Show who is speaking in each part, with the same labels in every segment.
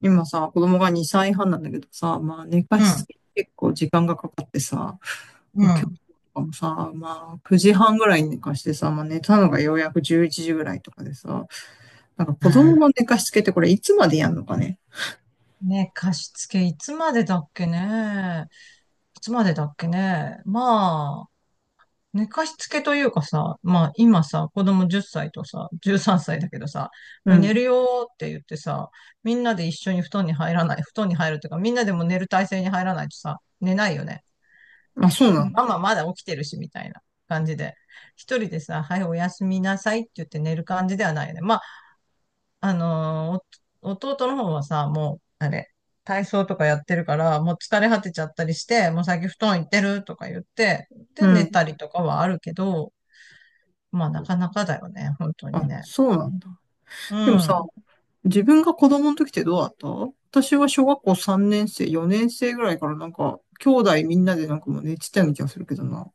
Speaker 1: 今さ、子供が2歳半なんだけどさ、まあ寝か
Speaker 2: う
Speaker 1: しつ
Speaker 2: ん、
Speaker 1: け結構時間がかかってさ、
Speaker 2: う
Speaker 1: 今
Speaker 2: ん。
Speaker 1: 日と
Speaker 2: あ、
Speaker 1: かもさ、まあ9時半ぐらいに寝かしてさ、まあ寝たのがようやく11時ぐらいとかでさ、なんか子供の寝かしつけってこれいつまでやんのかね。
Speaker 2: ね、貸し付けいつまでだっけね。いつまでだっけね。まあ、寝かしつけというかさ、まあ今さ、子供10歳とさ、13歳だけどさ、
Speaker 1: う
Speaker 2: はい寝る
Speaker 1: ん。
Speaker 2: よーって言ってさ、みんなで一緒に布団に入るというか、みんなでも寝る体勢に入らないとさ、寝ないよね。
Speaker 1: あ、そうな の。
Speaker 2: ママまだ起きてるし、みたいな感じで。一人でさ、はい、おやすみなさいって言って寝る感じではないよね。まあ、お弟の方はさ、もう、あれ、体操とかやってるから、もう疲れ果てちゃったりして、もう最近布団行ってるとか言って、
Speaker 1: う
Speaker 2: で、寝
Speaker 1: ん。
Speaker 2: たりとかはあるけど、まあ、なかなかだよね、本当に
Speaker 1: あ、
Speaker 2: ね。
Speaker 1: そうなんだ。
Speaker 2: う
Speaker 1: でもさ、
Speaker 2: ん。
Speaker 1: 自分が子供の時ってどうだった。私は小学校3年生、4年生ぐらいからなんか、兄弟みんなでなんかもう寝てたような気がするけどな。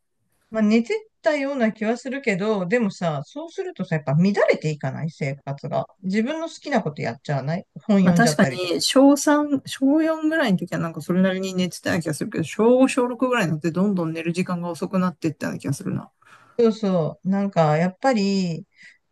Speaker 2: まあ、寝てたような気はするけど、でもさ、そうするとさ、やっぱ乱れていかない生活が。自分の好きなことやっちゃわない本
Speaker 1: まあ
Speaker 2: 読んじゃ
Speaker 1: 確
Speaker 2: っ
Speaker 1: か
Speaker 2: たりとか。
Speaker 1: に、小3、小4ぐらいの時はなんかそれなりに寝てたような気がするけど、小5、小6ぐらいになってどんどん寝る時間が遅くなっていったような気がするな。
Speaker 2: そうそう。なんか、やっぱり、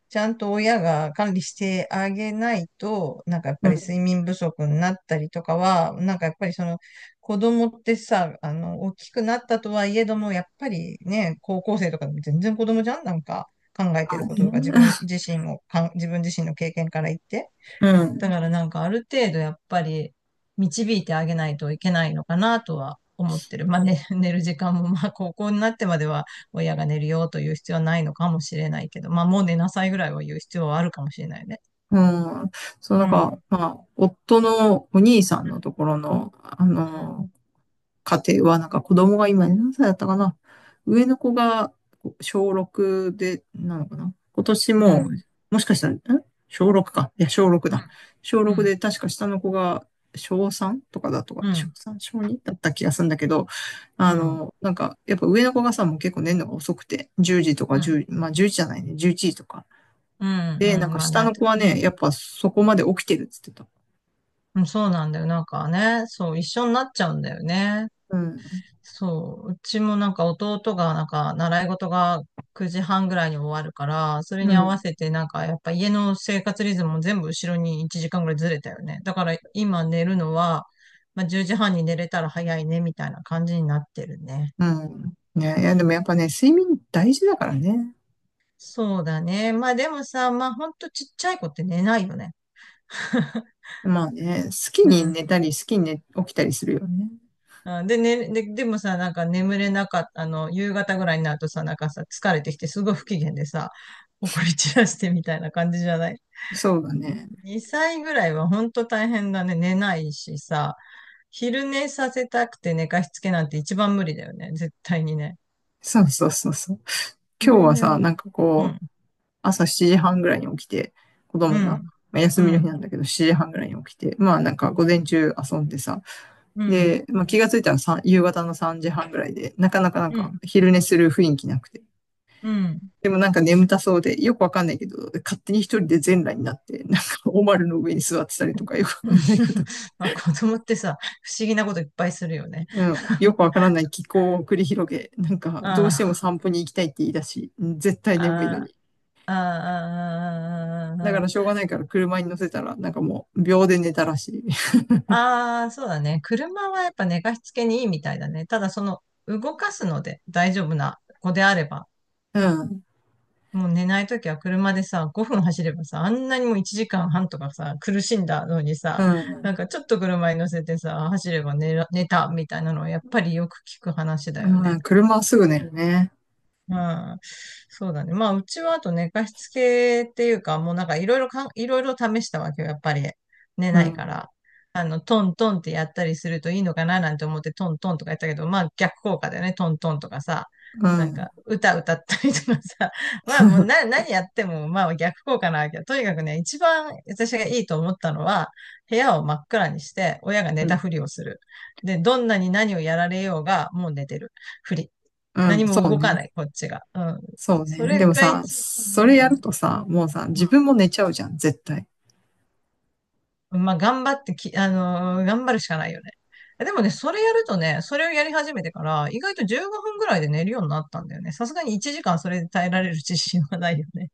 Speaker 2: ちゃんと親が管理してあげないと、なんかやっ
Speaker 1: う
Speaker 2: ぱり睡
Speaker 1: ん。
Speaker 2: 眠不足になったりとかは、なんかやっぱりその子供ってさ、あの、大きくなったとはいえども、やっぱりね、高校生とかでも全然子供じゃんなんか考えてることとか自分自身の経験から言って。
Speaker 1: う
Speaker 2: だ
Speaker 1: ん。
Speaker 2: からなんかある程度やっぱり導いてあげないといけないのかなとは思ってる。まあ、ね、寝る時間もまあ高校になってまでは親が寝るよという必要はないのかもしれないけど、まあもう寝なさいぐらいは言う必要はあるかもしれないね。
Speaker 1: うん。そう、な
Speaker 2: う
Speaker 1: んか、
Speaker 2: ん。
Speaker 1: まあ、夫のお兄さんのところの、家庭は、なんか子供が今何歳だったかな。上の子が小6で、なのかな。今年
Speaker 2: うん。う
Speaker 1: も、
Speaker 2: ん。
Speaker 1: もしかしたら、ん、小6か。いや、小6
Speaker 2: う
Speaker 1: だ。
Speaker 2: ん。
Speaker 1: 小
Speaker 2: う
Speaker 1: 6
Speaker 2: ん。
Speaker 1: で、確か下の子が小3とかだとか、
Speaker 2: う
Speaker 1: 小
Speaker 2: ん。
Speaker 1: 3、小2だった気がするんだけど、
Speaker 2: うん。
Speaker 1: なんか、やっぱ上の子がさ、もう結構寝るのが遅くて、10時とか
Speaker 2: うん。
Speaker 1: 1まあ1時じ、じゃないね、11時とか。
Speaker 2: う
Speaker 1: で、な
Speaker 2: ん。
Speaker 1: ん
Speaker 2: うん。
Speaker 1: か
Speaker 2: まあ
Speaker 1: 下
Speaker 2: なっ
Speaker 1: の
Speaker 2: て
Speaker 1: 子は
Speaker 2: くる。
Speaker 1: ね、やっぱそこまで起きてるっつってた。
Speaker 2: うん。そうなんだよ。なんかね、そう、一緒になっちゃうんだよね。
Speaker 1: うん。
Speaker 2: そう、うちもなんか弟がなんか習い事が9時半ぐらいに終わるから、それ
Speaker 1: う
Speaker 2: に合わ
Speaker 1: ん。
Speaker 2: せてなんかやっぱ家の生活リズムも全部後ろに1時間ぐらいずれたよね。だから今寝るのは、まあ、10時半に寝れたら早いねみたいな感じになってるね。
Speaker 1: うん。ね、いや、でもやっぱね、睡眠大事だからね。
Speaker 2: そうだね。まあでもさ、まあほんとちっちゃい子って寝ないよね。
Speaker 1: まあね、好き
Speaker 2: う
Speaker 1: に
Speaker 2: ん。
Speaker 1: 寝たり、好きに寝、起きたりするよね。
Speaker 2: あで、ね、で、でもさ、なんか眠れなかった、夕方ぐらいになるとさ、なんかさ、疲れてきてすごい不機嫌でさ、怒り散らしてみたいな感じじゃない？
Speaker 1: そうだね。
Speaker 2: 2歳ぐらいは本当大変だね。寝ないしさ、昼寝させたくて寝かしつけなんて一番無理だよね。絶対にね。
Speaker 1: そうそうそうそう。今日
Speaker 2: 昼
Speaker 1: は
Speaker 2: 寝を、う
Speaker 1: さ、
Speaker 2: ん、
Speaker 1: なんかこう、朝7時半ぐらいに起きて、子
Speaker 2: う
Speaker 1: 供が、
Speaker 2: ん、
Speaker 1: まあ、休
Speaker 2: う
Speaker 1: みの日
Speaker 2: ん、
Speaker 1: なんだけど、7時半ぐらいに起きて、まあなんか
Speaker 2: う
Speaker 1: 午
Speaker 2: ん、
Speaker 1: 前中遊んでさ、
Speaker 2: うん、
Speaker 1: で、まあ気がついたらさん夕方の3時半ぐらいで、なかなかなんか昼寝する雰囲気なくて。
Speaker 2: うん。
Speaker 1: でもなんか眠たそうで、よくわかんないけど、勝手に一人で全裸になって、なんかおまるの上に座ってたりとか、よくわかんないこと、
Speaker 2: まあ子供ってさ、不思議なこといっぱいするよね。
Speaker 1: うん、よ くわからない気候を繰り広げ、なんか、どうし
Speaker 2: あ
Speaker 1: ても散歩に行きたいって言い出し、うん絶対眠いの
Speaker 2: あ、
Speaker 1: に。
Speaker 2: あ
Speaker 1: だ
Speaker 2: あ、
Speaker 1: か
Speaker 2: あ
Speaker 1: らしょうがないから車に乗せたら、なんかもう秒で寝たらしい。
Speaker 2: あ、ああ、そうだね。車はやっぱ寝かしつけにいいみたいだね。ただその動かすので大丈夫な子であれば
Speaker 1: うん、
Speaker 2: もう寝ないときは車でさ、5分走ればさ、あんなにもう1時間半とかさ、苦しんだのにさ、
Speaker 1: う
Speaker 2: な
Speaker 1: ん、
Speaker 2: んかちょっと車に乗せてさ、走れば寝たみたいなのはやっぱりよく聞く話だよ
Speaker 1: う
Speaker 2: ね。
Speaker 1: ん、車はすぐ寝るね。
Speaker 2: まあ、そうだね。まあ、うちはあと寝かしつけっていうか、もうなんかいろいろいろいろ試したわけよ。やっぱり寝
Speaker 1: う
Speaker 2: ないか
Speaker 1: ん、
Speaker 2: ら。あの、トントンってやったりするといいのかななんて思ってトントンとかやったけど、まあ逆効果だよね。トントンとかさ。
Speaker 1: う
Speaker 2: なん
Speaker 1: ん、
Speaker 2: か、歌歌ったりとかさ。まあもうな、
Speaker 1: う
Speaker 2: 何やっても、まあ逆効果なわけよ。とにかくね、一番私がいいと思ったのは、部屋を真っ暗にして、親が寝
Speaker 1: ん、
Speaker 2: たふりをする。で、どんなに何をやられようが、もう寝てるふり。
Speaker 1: う
Speaker 2: 何
Speaker 1: ん、そ
Speaker 2: も
Speaker 1: う
Speaker 2: 動か
Speaker 1: ね。
Speaker 2: ない、こっちが。うん。
Speaker 1: そう
Speaker 2: そ
Speaker 1: ね。で
Speaker 2: れ
Speaker 1: も
Speaker 2: が
Speaker 1: さ、
Speaker 2: 一番
Speaker 1: そ
Speaker 2: 寝
Speaker 1: れ
Speaker 2: るか
Speaker 1: や
Speaker 2: な。
Speaker 1: るとさ、もうさ、自分も寝ちゃうじゃん、絶対。
Speaker 2: うん。まあ、頑張ってき、あのー頑張るしかないよね。でもね、それやるとね、それをやり始めてから、意外と15分ぐらいで寝るようになったんだよね。さすがに1時間それで耐えられる自信はないよね。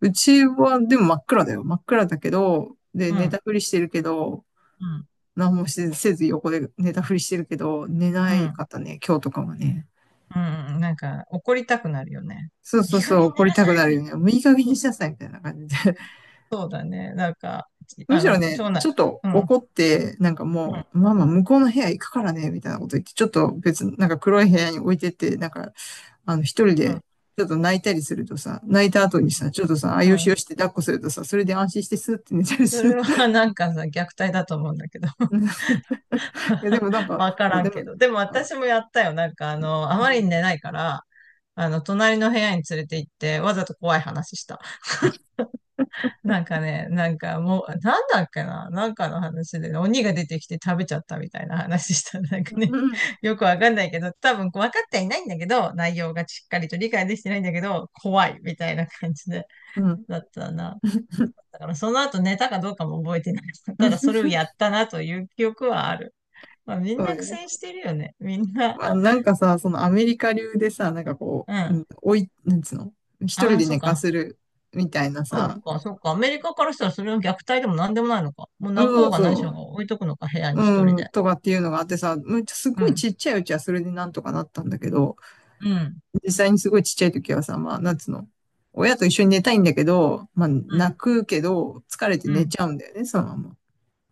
Speaker 1: うちはでも真っ暗だよ。真っ暗だけど、で、
Speaker 2: う
Speaker 1: 寝た
Speaker 2: ん、
Speaker 1: ふりしてるけど、
Speaker 2: うん、
Speaker 1: 何もせず横で寝たふりしてるけど、寝
Speaker 2: う
Speaker 1: な
Speaker 2: ん、う
Speaker 1: いか
Speaker 2: ん。
Speaker 1: ったね、今日とかもね。
Speaker 2: うん。なんか、怒りたくなるよね。
Speaker 1: そう
Speaker 2: いい
Speaker 1: そう
Speaker 2: 加
Speaker 1: そう、
Speaker 2: 減
Speaker 1: 怒
Speaker 2: 寝
Speaker 1: り
Speaker 2: な
Speaker 1: た
Speaker 2: さ
Speaker 1: くな
Speaker 2: い
Speaker 1: る
Speaker 2: み
Speaker 1: よ
Speaker 2: た
Speaker 1: ね。
Speaker 2: い
Speaker 1: もういい加減
Speaker 2: な。
Speaker 1: に
Speaker 2: そう、
Speaker 1: しなさい、みたいな感じで。
Speaker 2: そうだね。なんか、
Speaker 1: む
Speaker 2: あ
Speaker 1: しろ
Speaker 2: の、
Speaker 1: ね、
Speaker 2: 長男、
Speaker 1: ちょっと
Speaker 2: うん、
Speaker 1: 怒って、なんか
Speaker 2: うん、
Speaker 1: もう、ママ向こうの部屋行くからね、みたいなこと言って、ちょっと別になんか黒い部屋に置いてって、なんか、一人
Speaker 2: う
Speaker 1: で、
Speaker 2: ん、
Speaker 1: ちょっと泣いたりするとさ、泣いた後にさ、ちょっとさ、あ
Speaker 2: う
Speaker 1: よしよ
Speaker 2: ん。
Speaker 1: して抱っこするとさ、それで安心してスーって寝たり
Speaker 2: そ
Speaker 1: す
Speaker 2: れ
Speaker 1: る。
Speaker 2: は なんかさ、虐待だと思うんだけど。
Speaker 1: いや、でもなん か、
Speaker 2: わか
Speaker 1: ほら、
Speaker 2: ら
Speaker 1: で
Speaker 2: んけ
Speaker 1: も、
Speaker 2: ど。でも
Speaker 1: あ、
Speaker 2: 私もやったよ。なんかあの、あ
Speaker 1: う
Speaker 2: まり
Speaker 1: ん、
Speaker 2: に寝ないから、あの、隣の部屋に連れて行って、わざと怖い話した。なんかね、なんかもう、なんだっけな、なんかの話でね、鬼が出てきて食べちゃったみたいな話した。なんか
Speaker 1: う
Speaker 2: ね、
Speaker 1: ん、
Speaker 2: よくわかんないけど、多分分かってはいないんだけど、内容がしっかりと理解できてないんだけど、怖いみたいな感じで、
Speaker 1: うん、
Speaker 2: だったな。だからその後寝たかどうかも覚えてない。ただそれをやっ たなという記憶はある。まあ、みん
Speaker 1: そう
Speaker 2: な苦
Speaker 1: ね。
Speaker 2: 戦してるよね。みんな。
Speaker 1: まあ、なんかさ、そのアメリカ流でさ、なんかこ
Speaker 2: うん。
Speaker 1: う、う
Speaker 2: あ
Speaker 1: ん、おい、なんつうの、一人
Speaker 2: あ、
Speaker 1: で
Speaker 2: そっ
Speaker 1: 寝か
Speaker 2: か。
Speaker 1: せるみたいな
Speaker 2: そう
Speaker 1: さ、
Speaker 2: か、そうか。アメリカからしたらそれは虐待でも何でもないのか。もう
Speaker 1: う
Speaker 2: 泣
Speaker 1: ん
Speaker 2: こ
Speaker 1: そ
Speaker 2: う
Speaker 1: う
Speaker 2: が何しよう
Speaker 1: そ
Speaker 2: が置いとくのか、部屋に
Speaker 1: う、
Speaker 2: 一人
Speaker 1: うん、
Speaker 2: で。
Speaker 1: とかっていうのがあってさ、むっちゃす
Speaker 2: う
Speaker 1: ごい
Speaker 2: ん。
Speaker 1: ちっちゃいうちはそれでなんとかなったんだけど、
Speaker 2: うん。
Speaker 1: 実際にすごいちっちゃい時はさ、まあ、なんつうの、親と一緒に寝たいんだけど、まあ、
Speaker 2: う
Speaker 1: 泣
Speaker 2: ん。
Speaker 1: くけど、疲れて
Speaker 2: う
Speaker 1: 寝
Speaker 2: ん。
Speaker 1: ちゃうんだよね、そのまま。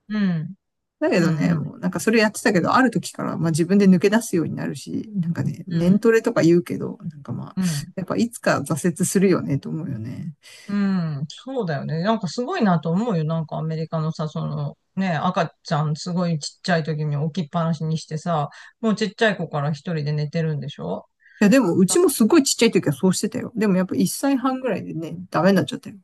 Speaker 2: うん。
Speaker 1: だけ
Speaker 2: うん。
Speaker 1: どね、
Speaker 2: うん。
Speaker 1: もうなんかそれやってたけど、ある時からまあ自分で抜け出すようになるし、なんかね、年トレとか言うけど、なんかまあ、
Speaker 2: うん。
Speaker 1: やっぱいつか挫折するよねと思うよね。
Speaker 2: うん。そうだよね。なんかすごいなと思うよ。なんかアメリカのさ、その、ね、赤ちゃんすごいちっちゃい時に置きっぱなしにしてさ、もうちっちゃい子から一人で寝てるんでしょ？
Speaker 1: いやでもうちもすごいちっちゃい時はそうしてたよ。でもやっぱ1歳半ぐらいでね、ダメになっちゃったよ。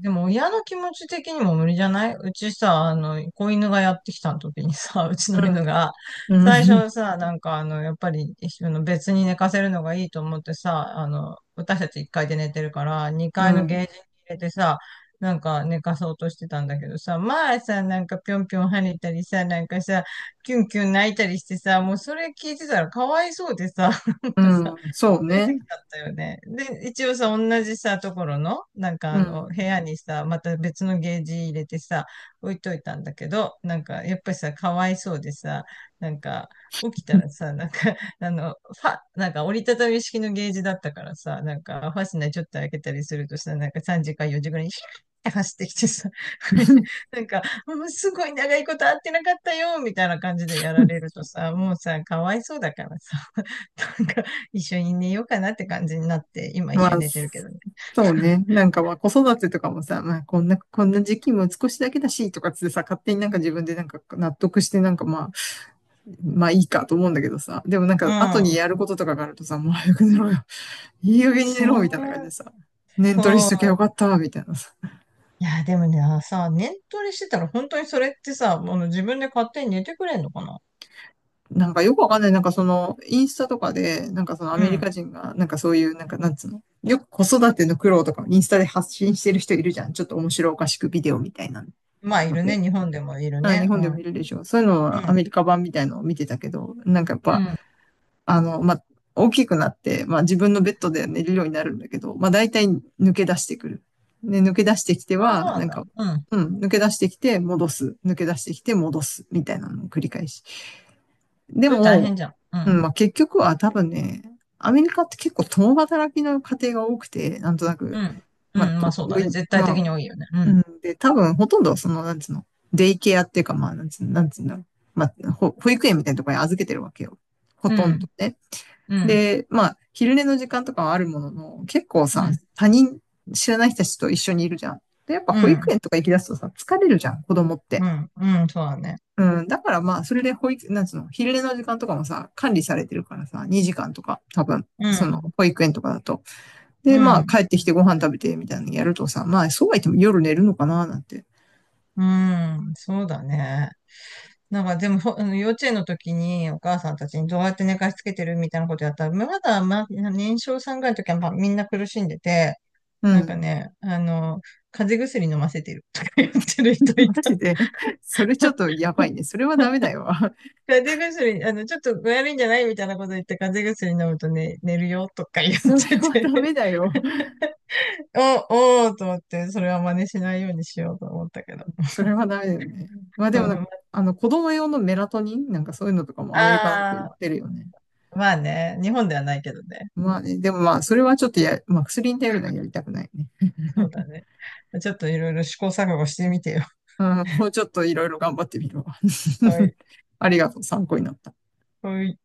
Speaker 2: でも親の気持ち的にも無理じゃない？うちさ、あの、子犬がやってきた時にさ、うちの犬が、
Speaker 1: うん。う
Speaker 2: 最
Speaker 1: ん。
Speaker 2: 初さ、なんかあの、やっぱり、あの別に寝かせるのがいいと思ってさ、あの、私たち1階で寝てるから、
Speaker 1: う
Speaker 2: 2階のゲー
Speaker 1: ん。
Speaker 2: ジに入れてさ、なんか寝かそうとしてたんだけどさ、前さ、なんかぴょんぴょん跳ねたりさ、なんかさ、キュンキュン泣いたりしてさ、もうそれ聞いてたらかわいそうでさ、なん
Speaker 1: う
Speaker 2: かさ、
Speaker 1: んそう
Speaker 2: 連れ
Speaker 1: ね。
Speaker 2: てきちゃったよね。で、一応さ、同じさ、ところの、なんか
Speaker 1: う
Speaker 2: あの、部
Speaker 1: ん。
Speaker 2: 屋にさ、また別のゲージ入れてさ、置いといたんだけど、なんか、やっぱりさ、かわいそうでさ、なんか、起きたらさ、なんか、あの、なんか折りたたみ式のゲージだったからさ、なんか、ファスナーちょっと開けたりするとさ、なんか3時か4時ぐらいに、って走ってきてさ、これでなんか、もうすごい長いこと会ってなかったよ、みたいな感じでやられるとさ、もうさ、かわいそうだからさ、なんか、一緒に寝ようかなって感じになって、今一
Speaker 1: ま
Speaker 2: 緒
Speaker 1: あ、
Speaker 2: に寝てるけどね。
Speaker 1: そうね。なんかまあ子育てとかもさ、こんな時期も少しだけだしとかっつってさ、勝手になんか自分でなんか納得してなんかまあいいかと思うんだけどさ。でもなん
Speaker 2: う
Speaker 1: か後
Speaker 2: ん。
Speaker 1: にやることとかがあるとさ、もう早く寝ろよ。いい加減に寝ろ
Speaker 2: そ
Speaker 1: みたいな感じで
Speaker 2: う、
Speaker 1: さ。念取りし
Speaker 2: そ
Speaker 1: ときゃよか
Speaker 2: う。
Speaker 1: ったみたいなさ。
Speaker 2: いや、でもね、さ、念トレしてたら本当にそれってさ、あの自分で勝手に寝てくれんのかな？
Speaker 1: なんかよくわかんない。なんかその、インスタとかで、なんかそのア
Speaker 2: う
Speaker 1: メリ
Speaker 2: ん。
Speaker 1: カ人が、なんかそういう、なんかなんつうの。よく子育ての苦労とかインスタで発信してる人いるじゃん。ちょっと面白おかしくビデオみたいな
Speaker 2: まあ、い
Speaker 1: の
Speaker 2: る
Speaker 1: で。
Speaker 2: ね。日本でもいる
Speaker 1: ああ
Speaker 2: ね。
Speaker 1: 日本
Speaker 2: う
Speaker 1: でも見
Speaker 2: ん。
Speaker 1: るでしょ。そういうの
Speaker 2: う
Speaker 1: はア
Speaker 2: ん。
Speaker 1: メリカ版みたいのを見てたけど、なんかやっ
Speaker 2: う
Speaker 1: ぱ、
Speaker 2: ん。
Speaker 1: あの、まあ、大きくなって、まあ、自分のベッドで寝るようになるんだけど、まあ、大体抜け出してくる。で、抜け出してきて
Speaker 2: あ、そ
Speaker 1: は、
Speaker 2: うな
Speaker 1: な
Speaker 2: ん
Speaker 1: ん
Speaker 2: だ。
Speaker 1: か、
Speaker 2: うん。
Speaker 1: うん、抜け出してきて戻す、抜け出してきて戻す、みたいなのを繰り返し。で
Speaker 2: それ大
Speaker 1: も、
Speaker 2: 変じゃん。う
Speaker 1: うん、
Speaker 2: ん。
Speaker 1: まあ、結局は多分ね、アメリカって結構共働きの家庭が多くて、なんとなく、
Speaker 2: うん。う
Speaker 1: まあ、
Speaker 2: ん。まあ、
Speaker 1: と
Speaker 2: そうだ
Speaker 1: 多
Speaker 2: ね。
Speaker 1: い、
Speaker 2: 絶対
Speaker 1: まあ、
Speaker 2: 的に多いよね。う
Speaker 1: う
Speaker 2: ん。
Speaker 1: ん、で、多分ほとんどその、なんつうの、デイケアっていうか、まあ、なんつう、なんつうんだろう。まあ、保育園みたいなところに預けてるわけよ。ほ
Speaker 2: う
Speaker 1: とんど
Speaker 2: ん。
Speaker 1: ね。
Speaker 2: うん。
Speaker 1: で、まあ、昼寝の時間とかはあるものの、結構
Speaker 2: う
Speaker 1: さ、
Speaker 2: ん。
Speaker 1: 他人、知らない人たちと一緒にいるじゃん。で、やっぱ
Speaker 2: う
Speaker 1: 保育
Speaker 2: ん。
Speaker 1: 園とか行き出すとさ、疲れるじゃん、子供って。
Speaker 2: うん。うん。そうだね。
Speaker 1: うん、だからまあ、それで保育、なんつうの、昼寝の時間とかもさ、管理されてるからさ、2時間とか、多分、
Speaker 2: う
Speaker 1: その、
Speaker 2: ん。
Speaker 1: 保育園とかだと。
Speaker 2: う
Speaker 1: で、まあ、
Speaker 2: ん。
Speaker 1: 帰ってきてご飯食べて、みたいなのやるとさ、まあ、そうは言っても夜寝るのかな、なんて。
Speaker 2: うん、そうだね。なんかでも、ほあの幼稚園の時にお母さんたちにどうやって寝かしつけてるみたいなことやったら、まだ、ま、年少さんぐらいの時は、ま、みんな苦しんでて、
Speaker 1: う
Speaker 2: なんか
Speaker 1: ん。
Speaker 2: ね、あの、風邪薬飲ませてるとか言ってる 人い
Speaker 1: マ
Speaker 2: た。
Speaker 1: ジで。それちょっとやばい ね。それはダメだよ。
Speaker 2: 風邪薬、あの、ちょっと具合悪いんじゃないみたいなこと言って、風邪薬飲むとね、寝るよとか言っ
Speaker 1: それ
Speaker 2: て
Speaker 1: はダメ
Speaker 2: て、
Speaker 1: だよ。
Speaker 2: おーと思って、それは真似しないようにしようと思ったけど。
Speaker 1: それはダメだよね。まあ
Speaker 2: う
Speaker 1: でもなんか、
Speaker 2: ん、
Speaker 1: 子供用のメラトニンなんかそういうのとかもアメリカだと売っ
Speaker 2: あ
Speaker 1: てる
Speaker 2: あ、
Speaker 1: よね。
Speaker 2: まあね、日本ではないけどね。
Speaker 1: まあね、でもまあ、それはちょっとや、まあ薬に頼るのはやりたくないね。
Speaker 2: そうだね。ちょっといろいろ試行錯誤してみてよ。
Speaker 1: うん、もうちょっといろいろ頑張ってみるわ。
Speaker 2: は い。
Speaker 1: ありがとう、参考になった。
Speaker 2: はい。